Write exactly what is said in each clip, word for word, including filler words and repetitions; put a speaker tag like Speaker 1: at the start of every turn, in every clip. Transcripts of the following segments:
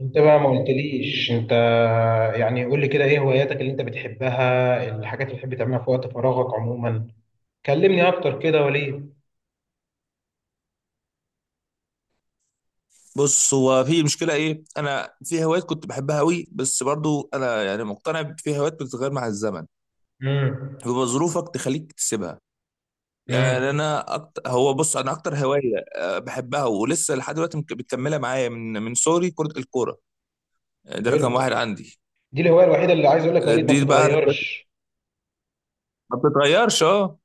Speaker 1: انت بقى ما قلتليش انت، يعني قول لي كده ايه هواياتك اللي انت بتحبها، الحاجات اللي بتحب تعملها في وقت فراغك عموما. كلمني اكتر كده يا وليد.
Speaker 2: بص هو في مشكلة إيه؟ أنا في هوايات كنت بحبها أوي، بس برضو أنا يعني مقتنع في هوايات بتتغير مع الزمن،
Speaker 1: امم.
Speaker 2: بيبقى ظروفك تخليك تسيبها. يعني
Speaker 1: امم.
Speaker 2: أنا أكتر، هو بص أنا أكتر هواية آه، بحبها ولسه لحد دلوقتي مك- بتكملها معايا من من صغري كرة الكورة. آه، ده رقم
Speaker 1: حلو.
Speaker 2: واحد عندي.
Speaker 1: دي الهوايه الوحيده اللي عايز اقول لك يا وليد ما
Speaker 2: دي بقى أنا شايف-
Speaker 1: بتتغيرش.
Speaker 2: ما بتتغيرش أه.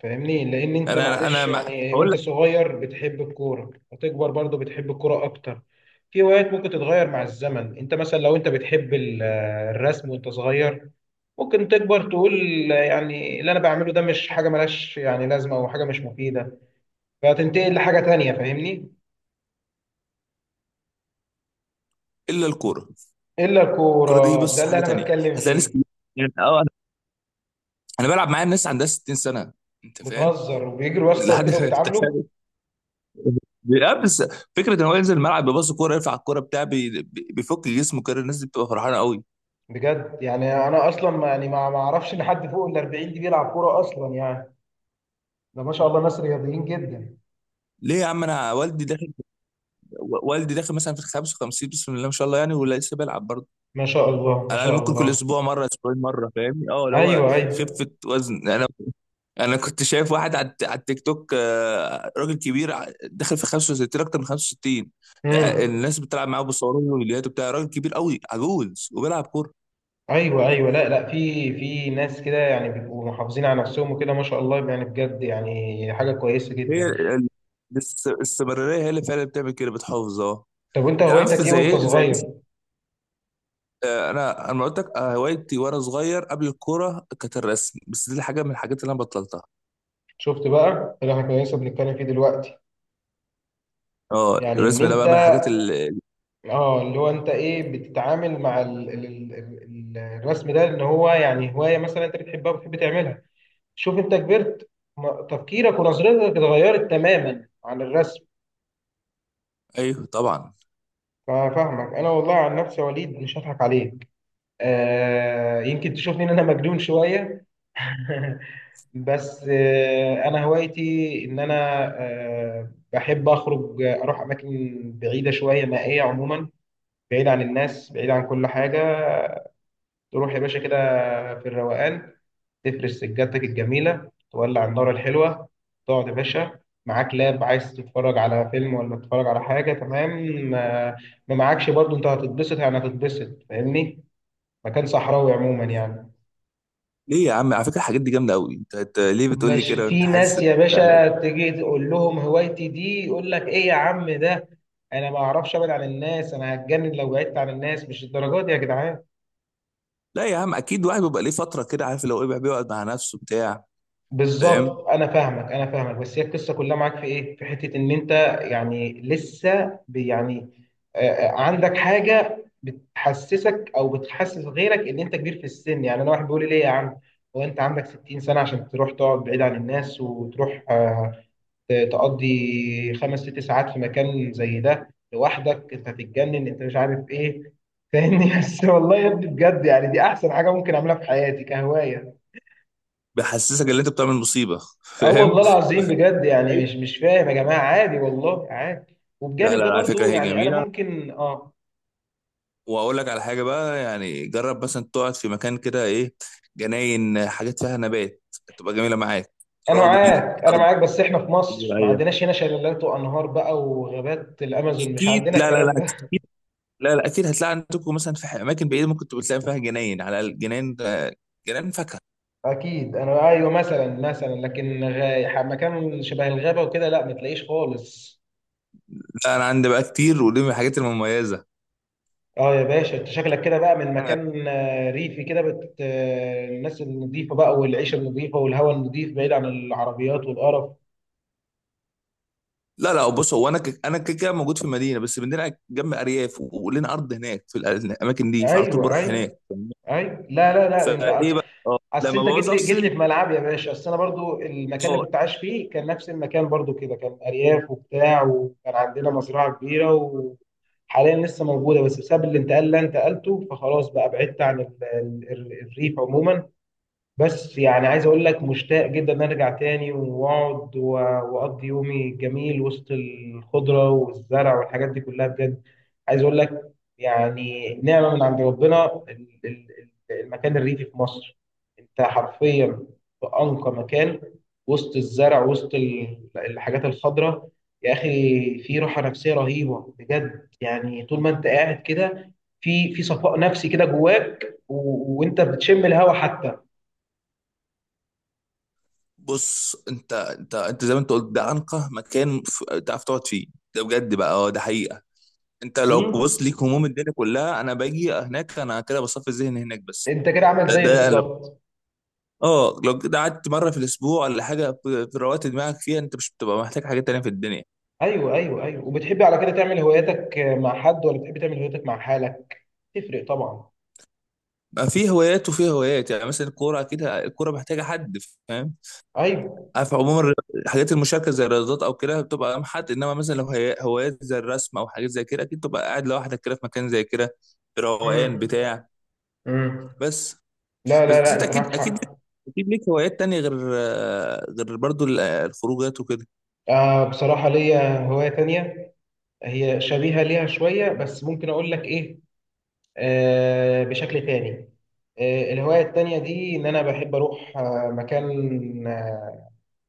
Speaker 1: فاهمني، لان انت
Speaker 2: أنا
Speaker 1: معلش
Speaker 2: أنا مع...
Speaker 1: يعني
Speaker 2: هقول
Speaker 1: وانت
Speaker 2: لك
Speaker 1: صغير بتحب الكوره هتكبر برضو بتحب الكوره اكتر. في هوايات ممكن تتغير مع الزمن، انت مثلا لو انت بتحب ال- الرسم وانت صغير، ممكن تكبر تقول يعني اللي انا بعمله ده مش حاجه ملهاش يعني لازمه او حاجه مش مفيده، فتنتقل لحاجه تانية، فاهمني.
Speaker 2: إلا الكورة.
Speaker 1: الا
Speaker 2: الكورة دي
Speaker 1: الكوره، ده
Speaker 2: بص
Speaker 1: اللي
Speaker 2: حاجة
Speaker 1: انا
Speaker 2: تانية،
Speaker 1: بتكلم
Speaker 2: هتلاقي ناس
Speaker 1: فيه.
Speaker 2: كتير- يعني أه أنا أنا بلعب معايا ناس عندها ستين سنة، أنت فاهم؟
Speaker 1: بتهزر وبيجروا يا اسطى
Speaker 2: لحد
Speaker 1: وكده وبيتعاملوا.
Speaker 2: لا بس فكره ان هو ينزل الملعب، بيبص كوره، يرفع الكوره بتاع بي- بي- بيفك جسمه كده، الناس دي بتبقى فرحانه قوي.
Speaker 1: بجد يعني انا اصلا ما يعني ما ما اعرفش ان حد فوق ال الأربعين دي بيلعب كوره اصلا يعني، ده ما شاء الله ناس رياضيين جدا.
Speaker 2: ليه يا عم؟ انا والدي داخل، والدي داخل مثلا في ال خمسين، بسم الله ما شاء الله، يعني ولسه بيلعب برضه.
Speaker 1: ما شاء الله ما
Speaker 2: على الاقل
Speaker 1: شاء
Speaker 2: ممكن كل
Speaker 1: الله.
Speaker 2: اسبوع مره، اسبوعين مره، فاهمني؟ اه، اللي هو
Speaker 1: ايوه، ايوه.
Speaker 2: خفه وزن. انا انا كنت شايف واحد على الت- على التيك توك، آه، راجل كبير، ع- داخل في خمسة وستين، اكتر من خمسة وستين،
Speaker 1: امم.
Speaker 2: الناس بتلعب معاه، بيصوروه له فيديوهات وبتاع، راجل كبير قوي عجوز وبيلعب.
Speaker 1: ايوه، ايوه. لا، لا، في في ناس كده يعني بيبقوا محافظين على نفسهم وكده، ما شاء الله يعني، بجد يعني حاجه كويسه
Speaker 2: هي
Speaker 1: جدا.
Speaker 2: ال- الاست- الاستمراريه هي اللي فعلا بتعمل كده، بتحافظ اه.
Speaker 1: طب وانت
Speaker 2: يعني عارف
Speaker 1: هوايتك ايه
Speaker 2: زي
Speaker 1: وانت
Speaker 2: ايه، زي الناس.
Speaker 1: صغير؟
Speaker 2: آه، انا انا قلت لك، آه، هوايتي وانا صغير قبل الكوره كانت الرسم، بس دي حاجه من الحاجات اللي انا بطلتها.
Speaker 1: شفت بقى اللي احنا كنا لسه بنتكلم فيه دلوقتي؟
Speaker 2: اه
Speaker 1: يعني ان
Speaker 2: الرسم ده
Speaker 1: انت،
Speaker 2: بقى من الحاجات اللي
Speaker 1: اه اللي هو انت ايه بتتعامل مع ال... ال... ال... ال- الرسم ده، ان هو يعني هوايه مثلا انت بتحبها وبتحب تعملها. شوف، انت كبرت، ما- تفكيرك ونظرتك اتغيرت تماما عن الرسم.
Speaker 2: ايوه طبعا.
Speaker 1: فاهمك، انا والله عن نفسي يا وليد مش هضحك عليك. آه، يمكن تشوفني ان انا مجنون شويه. بس آه، انا هوايتي ان انا آه، بحب اخرج، آه، اروح اماكن بعيده شويه نائيه عموما، بعيد عن الناس، بعيد عن كل حاجه. تروح يا باشا كده في الروقان، تفرش سجادتك الجميله، تولع النار الحلوه، تقعد يا باشا، معاك لاب عايز تتفرج على فيلم ولا تتفرج على حاجه، تمام. آه، ما معاكش برضو انت هتتبسط، يعني هتتبسط، فاهمني. مكان صحراوي عموما يعني.
Speaker 2: ليه يا عم؟ على فكره الحاجات دي جامده قوي. انت أنت ليه بتقول لي
Speaker 1: مش
Speaker 2: كده؟ انت
Speaker 1: في
Speaker 2: حاسس
Speaker 1: ناس يا
Speaker 2: إن على
Speaker 1: باشا
Speaker 2: ايه؟
Speaker 1: تيجي تقول لهم هوايتي دي، يقول لك ايه يا عم ده، انا ما اعرفش ابعد عن الناس، انا هتجنن لو بعدت عن الناس، مش الدرجات دي يا جدعان.
Speaker 2: لا يا عم، اكيد واحد بيبقى ليه فتره كده، عارف لو ايه، بيقعد مع نفسه بتاع فاهم.
Speaker 1: بالظبط، انا فاهمك انا فاهمك، بس هي القصه كلها معاك في ايه، في حته ان انت يعني لسه بي- يعني، آه، عندك حاجه بتحسسك او بتحسس غيرك ان انت كبير في السن. يعني انا واحد بيقول لي ليه يا عم، هو انت عندك ستين سنه عشان تروح تقعد بعيد عن الناس وتروح ت- تقضي خمس ست ساعات في مكان زي ده لوحدك؟ انت هتتجنن، انت مش عارف ايه، فاهمني. بس والله يا ابني بجد يعني دي احسن حاجه ممكن اعملها في حياتي كهوايه.
Speaker 2: بيحسسك ان انت بتعمل مصيبه.
Speaker 1: اه
Speaker 2: فاهم.
Speaker 1: والله العظيم، بجد يعني
Speaker 2: أيوة.
Speaker 1: مش مش فاهم يا جماعه، عادي والله عادي،
Speaker 2: لا لا
Speaker 1: وبجانب ده
Speaker 2: لا، على فكره
Speaker 1: برضو
Speaker 2: هي
Speaker 1: يعني انا
Speaker 2: جميله.
Speaker 1: ممكن اه.
Speaker 2: واقول لك على حاجه بقى، يعني جرب مثلا تقعد في مكان كده، ايه، جناين، حاجات فيها نبات، تبقى جميله معاك.
Speaker 1: انا
Speaker 2: راضي،
Speaker 1: معاك انا
Speaker 2: ارض
Speaker 1: معاك، بس احنا في مصر ما
Speaker 2: زراعيه،
Speaker 1: عندناش هنا شلالات وانهار بقى وغابات الامازون، مش
Speaker 2: اكيد.
Speaker 1: عندنا
Speaker 2: لا لا لا
Speaker 1: الكلام ده.
Speaker 2: اكيد. لا لا اكيد هتلاقي عندكم مثلا في اماكن بعيده، ممكن تبقى تلاقي فيها جناين على الجناين، جناين فاكهه.
Speaker 1: اكيد انا ايوه، مثلا مثلا، لكن غاي ح- مكان شبه الغابه وكده لا ما تلاقيش خالص.
Speaker 2: لا انا عندي بقى كتير، ودي من الحاجات المميزه.
Speaker 1: اه يا باشا، انت شكلك كده بقى من مكان آه، ريفي كده، بت آه، الناس النظيفه بقى والعيشه النظيفه والهواء النظيف، بعيد عن العربيات والقرف.
Speaker 2: لا لا بص، هو انا ك... انا كده كده موجود في المدينه، بس بنلعب جنب ارياف، و- ولنا ارض هناك في الأ- الاماكن دي، فعلى طول
Speaker 1: ايوه
Speaker 2: بروح
Speaker 1: ايوه
Speaker 2: هناك.
Speaker 1: ايوه، لا لا لا انت،
Speaker 2: فايه بقى اه
Speaker 1: اصل
Speaker 2: لما
Speaker 1: انت جيت
Speaker 2: بعوز
Speaker 1: لي جيت
Speaker 2: افصل.
Speaker 1: لي في ملعب يا باشا، اصل انا برضو المكان اللي
Speaker 2: اه
Speaker 1: كنت عايش فيه كان نفس المكان برضو كده، كان ارياف وبتاع، وكان عندنا مزرعه كبيره. وحاليا لسه موجوده، بس بسبب الانتقال اللي انت قلته فخلاص بقى بعدت عن ال- ال- الريف عموما. بس يعني عايز اقول لك مشتاق جدا ان أنا ارجع تاني واقعد و- واقضي يومي جميل وسط الخضره والزرع والحاجات دي كلها بجد. عايز اقول لك، يعني نعمه من عند ربنا ال- ال- ال- المكان الريفي في مصر. انت حرفيا في انقى مكان، وسط الزرع، وسط ال- الحاجات الخضراء. يا اخي، في راحه نفسيه رهيبه بجد، يعني طول ما انت قاعد كده، في في صفاء نفسي كده جواك، و- وانت بتشم الهواء حتى.
Speaker 2: بص، انت انت انت زي ما انت قلت ده انقى مكان، ف- تعرف تقعد فيه. ده بجد بقى، اه ده حقيقه. انت لو
Speaker 1: امم.
Speaker 2: بص ليك هموم الدنيا كلها، انا باجي هناك، انا كده بصفي ذهني هناك بس.
Speaker 1: انت كده عامل
Speaker 2: ده
Speaker 1: زيي
Speaker 2: ده لو
Speaker 1: بالظبط.
Speaker 2: اه لو كده قعدت مره في الاسبوع ولا حاجه، في روقت دماغك فيها، انت مش بتبقى محتاج حاجات تانيه في الدنيا.
Speaker 1: ايوه ايوه ايوه، وبتحبي على كده تعمل هواياتك مع حد ولا بتحبي تعمل هواياتك مع حالك؟ تفرق طبعا.
Speaker 2: بقى في هوايات وفي هوايات، يعني مثلا الكوره كده، الكوره محتاجه حد،
Speaker 1: ايوه.
Speaker 2: عارف، عموما الحاجات المشاركه زي الرياضات او كده بتبقى مع حد، انما مثلا لو هي- هوايات زي الرسم او حاجات زي كده اكيد تبقى قاعد لوحدك كده في مكان زي كده، روقان
Speaker 1: امم.
Speaker 2: بتاع.
Speaker 1: امم.
Speaker 2: بس
Speaker 1: لا لا
Speaker 2: بس
Speaker 1: لا،
Speaker 2: انت
Speaker 1: انت معاك
Speaker 2: اكيد اكيد ليك-
Speaker 1: حق.
Speaker 2: اكيد ليك هوايات تانية، غير غير برضو ال- الخروجات وكده.
Speaker 1: آه، بصراحه ليا هوايه تانية، هي شبيهه ليها شويه، بس ممكن اقول لك ايه، آه بشكل تاني. آه، الهوايه التانية دي ان انا بحب اروح آه مكان، آه،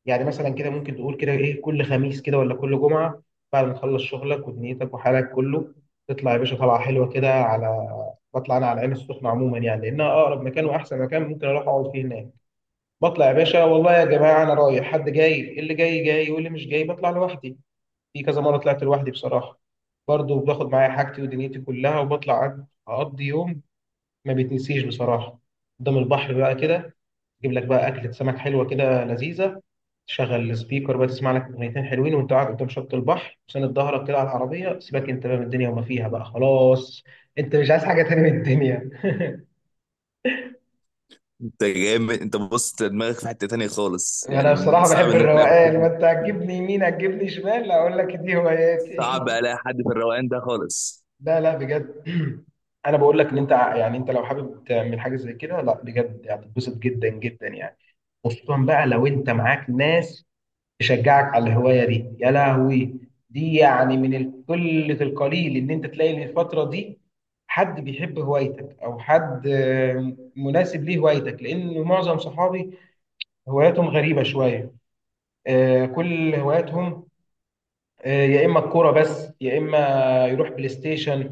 Speaker 1: يعني مثلا كده ممكن تقول كده ايه، كل خميس كده ولا كل جمعه، بعد ما تخلص شغلك ودنيتك وحالك كله، تطلع يا باشا طلعه حلوه كده على. بطلع انا على العين السخنه عموما، يعني لانها اقرب مكان واحسن مكان ممكن اروح اقعد فيه هناك. بطلع يا باشا والله يا جماعه، انا رايح حد جاي، اللي جاي جاي واللي مش جاي بطلع لوحدي. في كذا مره طلعت لوحدي بصراحه. برضه باخد معايا حاجتي ودنيتي كلها وبطلع، اقضي يوم ما بيتنسيش بصراحه، قدام البحر بقى كده، اجيب لك بقى اكله سمك حلوه كده لذيذه، تشغل السبيكر بقى، تسمع لك اغنيتين حلوين وانت قاعد قدام شط البحر وساند ظهرك كده على العربيه، سيبك انت بقى من الدنيا وما فيها بقى خلاص. انت مش عايز حاجه تاني من الدنيا.
Speaker 2: انت جامد، انت بص دماغك في حته تانية خالص،
Speaker 1: انا
Speaker 2: يعني من
Speaker 1: بصراحه بحب
Speaker 2: صعب ان انا
Speaker 1: الروقان، ما
Speaker 2: بحب،
Speaker 1: انت هتجيبني يمين هتجيبني شمال، اقول لك دي
Speaker 2: صعب
Speaker 1: هواياتي.
Speaker 2: الاقي حد في الروقان ده خالص.
Speaker 1: لا لا بجد. انا بقول لك ان انت ع- يعني، انت لو حابب تعمل حاجه زي كده، لا بجد هتتبسط جدا جدا يعني. خصوصا بقى لو انت معاك ناس يشجعك على الهوايه دي يا لهوي. دي يعني من القله القليل ان انت تلاقي إن الفتره دي حد بيحب هوايتك، او حد آه، مناسب ليه هوايتك، لان معظم صحابي هواياتهم غريبه شويه. آه، كل هواياتهم آه، يا اما الكوره بس، يا اما يروح بلاي ستيشن،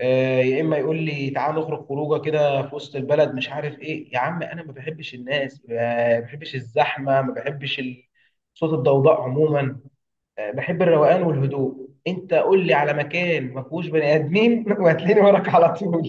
Speaker 1: آه، يا اما يقول لي تعال نخرج خروجه كده في وسط البلد مش عارف ايه. يا عم انا ما بحبش الناس، ما بحبش الزحمه، ما بحبش ال- صوت الضوضاء عموما. آه، بحب الروقان والهدوء. انت قول لي على مكان ما فيهوش بني ادمين وهتلاقيني وراك على طول.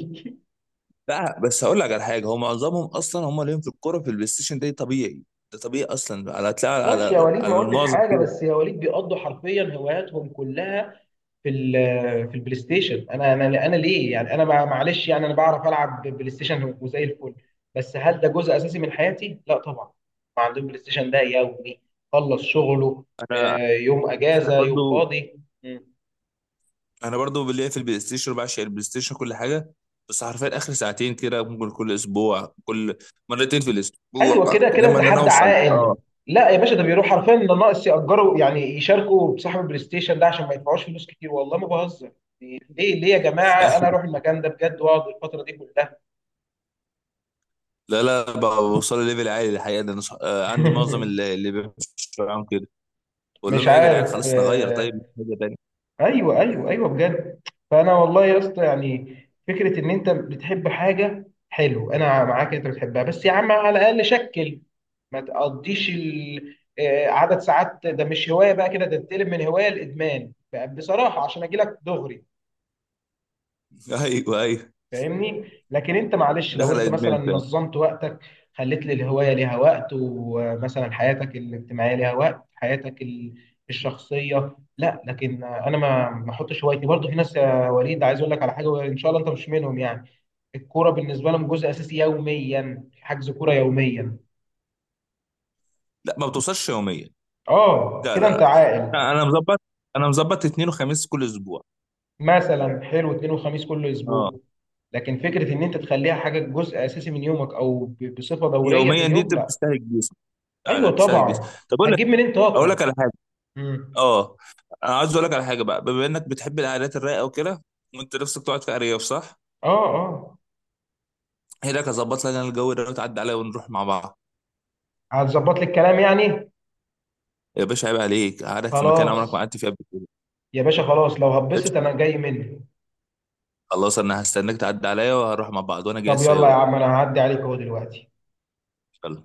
Speaker 2: لا بس هقول لك على حاجه، هو معظمهم اصلا هم ليهم في الكوره، في البلاي ستيشن، ده طبيعي. ده طبيعي اصلا، على هتلاقي
Speaker 1: ماشي يا
Speaker 2: على
Speaker 1: وليد، ما
Speaker 2: على
Speaker 1: قلتش
Speaker 2: المعظم
Speaker 1: حاجه،
Speaker 2: كده.
Speaker 1: بس يا وليد بيقضوا حرفيا هواياتهم كلها في ال. في البلاي ستيشن. انا انا انا ليه يعني انا مع- معلش يعني انا بعرف العب بلاي ستيشن وزي الفل، بس هل ده جزء اساسي من حياتي؟ لا طبعا. ما عندهم بلاي ستيشن ده يومي، خلص شغله،
Speaker 2: انا
Speaker 1: آه، يوم
Speaker 2: انا
Speaker 1: اجازه يوم
Speaker 2: برضو
Speaker 1: فاضي. مم.
Speaker 2: انا برضو ليا في البلاي ستيشن، بعشق البلاي ستيشن، كل حاجه. بس حرفيا اخر ساعتين كده، ممكن كل اسبوع، كل مرتين في الاسبوع،
Speaker 1: ايوه كده كده
Speaker 2: انما
Speaker 1: انت
Speaker 2: ان انا
Speaker 1: حد
Speaker 2: اوصل
Speaker 1: عاقل.
Speaker 2: اه.
Speaker 1: لا يا باشا، ده بيروح حرفيا ده، ناقص يأجروا يعني يشاركوا بصاحب البلاي ستيشن ده عشان ما يدفعوش فلوس كتير، والله ما بهزر. ليه ليه يا جماعه، انا اروح المكان ده بجد واقعد الفتره دي كلها.
Speaker 2: لا لا، بوصل ليفل عالي الحقيقه ده. أنا صح- آه، عندي معظم اللي اللي بيمشوا معاهم كده، بقول
Speaker 1: مش
Speaker 2: لهم ايه يا جدعان،
Speaker 1: عارف
Speaker 2: خلاص نغير، طيب
Speaker 1: آه،
Speaker 2: نشوف حاجه تانيه.
Speaker 1: ايوه ايوه ايوه بجد. فانا والله يا اسطى يعني، فكره ان انت بتحب حاجه حلو، انا معاك إن انت بتحبها، بس يا عم على الاقل شكل، ما تقضيش ال- آه، عدد ساعات ده، مش هوايه بقى كده، ده تتقلب من هوايه لادمان بقى بصراحه عشان اجي لك دغري.
Speaker 2: ايوه ايوه.
Speaker 1: فاهمني، لكن انت معلش لو
Speaker 2: دخل
Speaker 1: انت مثلا
Speaker 2: ادمان فعلا.
Speaker 1: نظمت وقتك، خليت للهوايه ليها وقت، ومثلا حياتك الاجتماعيه ليها وقت، حياتك ال- الشخصيه، لا لكن انا ما ما احطش هوايتي. برضه في ناس يا وليد عايز اقول لك على حاجه، ان شاء الله انت مش منهم يعني، الكوره بالنسبه لهم جزء اساسي يوميا، حجز كوره يوميا.
Speaker 2: لا ما بتوصلش يوميا.
Speaker 1: اه
Speaker 2: لا لا
Speaker 1: كده انت
Speaker 2: لا
Speaker 1: عاقل.
Speaker 2: لا، انا مظبط، انا مظبط اثنين وخميس كل اسبوع.
Speaker 1: مثلا حلو، اثنين وخميس كل
Speaker 2: اه
Speaker 1: اسبوع. لكن فكره ان انت تخليها حاجه جزء اساسي من يومك او ب- بصفه دوريه في
Speaker 2: يوميا دي
Speaker 1: اليوم،
Speaker 2: انت
Speaker 1: لا.
Speaker 2: بتستهلك جسم، لا لا
Speaker 1: ايوه
Speaker 2: بتستهلك جسم.
Speaker 1: طبعا.
Speaker 2: طب اقول،
Speaker 1: هتجيب منين
Speaker 2: اقول لك
Speaker 1: طاقه؟
Speaker 2: على حاجه.
Speaker 1: امم.
Speaker 2: اه انا عايز اقول لك على حاجه بقى، بما انك بتحب القعدات الرايقه وكده، وانت نفسك تقعد في ارياف، صح؟
Speaker 1: اه. اه.
Speaker 2: هي لك، اظبط لك انا الجو ده، وتعدي عليا ونروح مع بعض.
Speaker 1: هتظبط لي الكلام يعني.
Speaker 2: يا باشا عيب عليك، قعدك في مكان عمرك
Speaker 1: خلاص،
Speaker 2: ما قعدت فيه قبل كده.
Speaker 1: يا باشا خلاص لو هبست
Speaker 2: قشطة.
Speaker 1: انا جاي مني.
Speaker 2: خلاص انا هستناك، تعدي عليا وهروح مع بعض، وانا جاي
Speaker 1: طب
Speaker 2: في اي
Speaker 1: يلا يا
Speaker 2: وقت.
Speaker 1: عم، انا هعدي عليك اهو دلوقتي.
Speaker 2: يلا.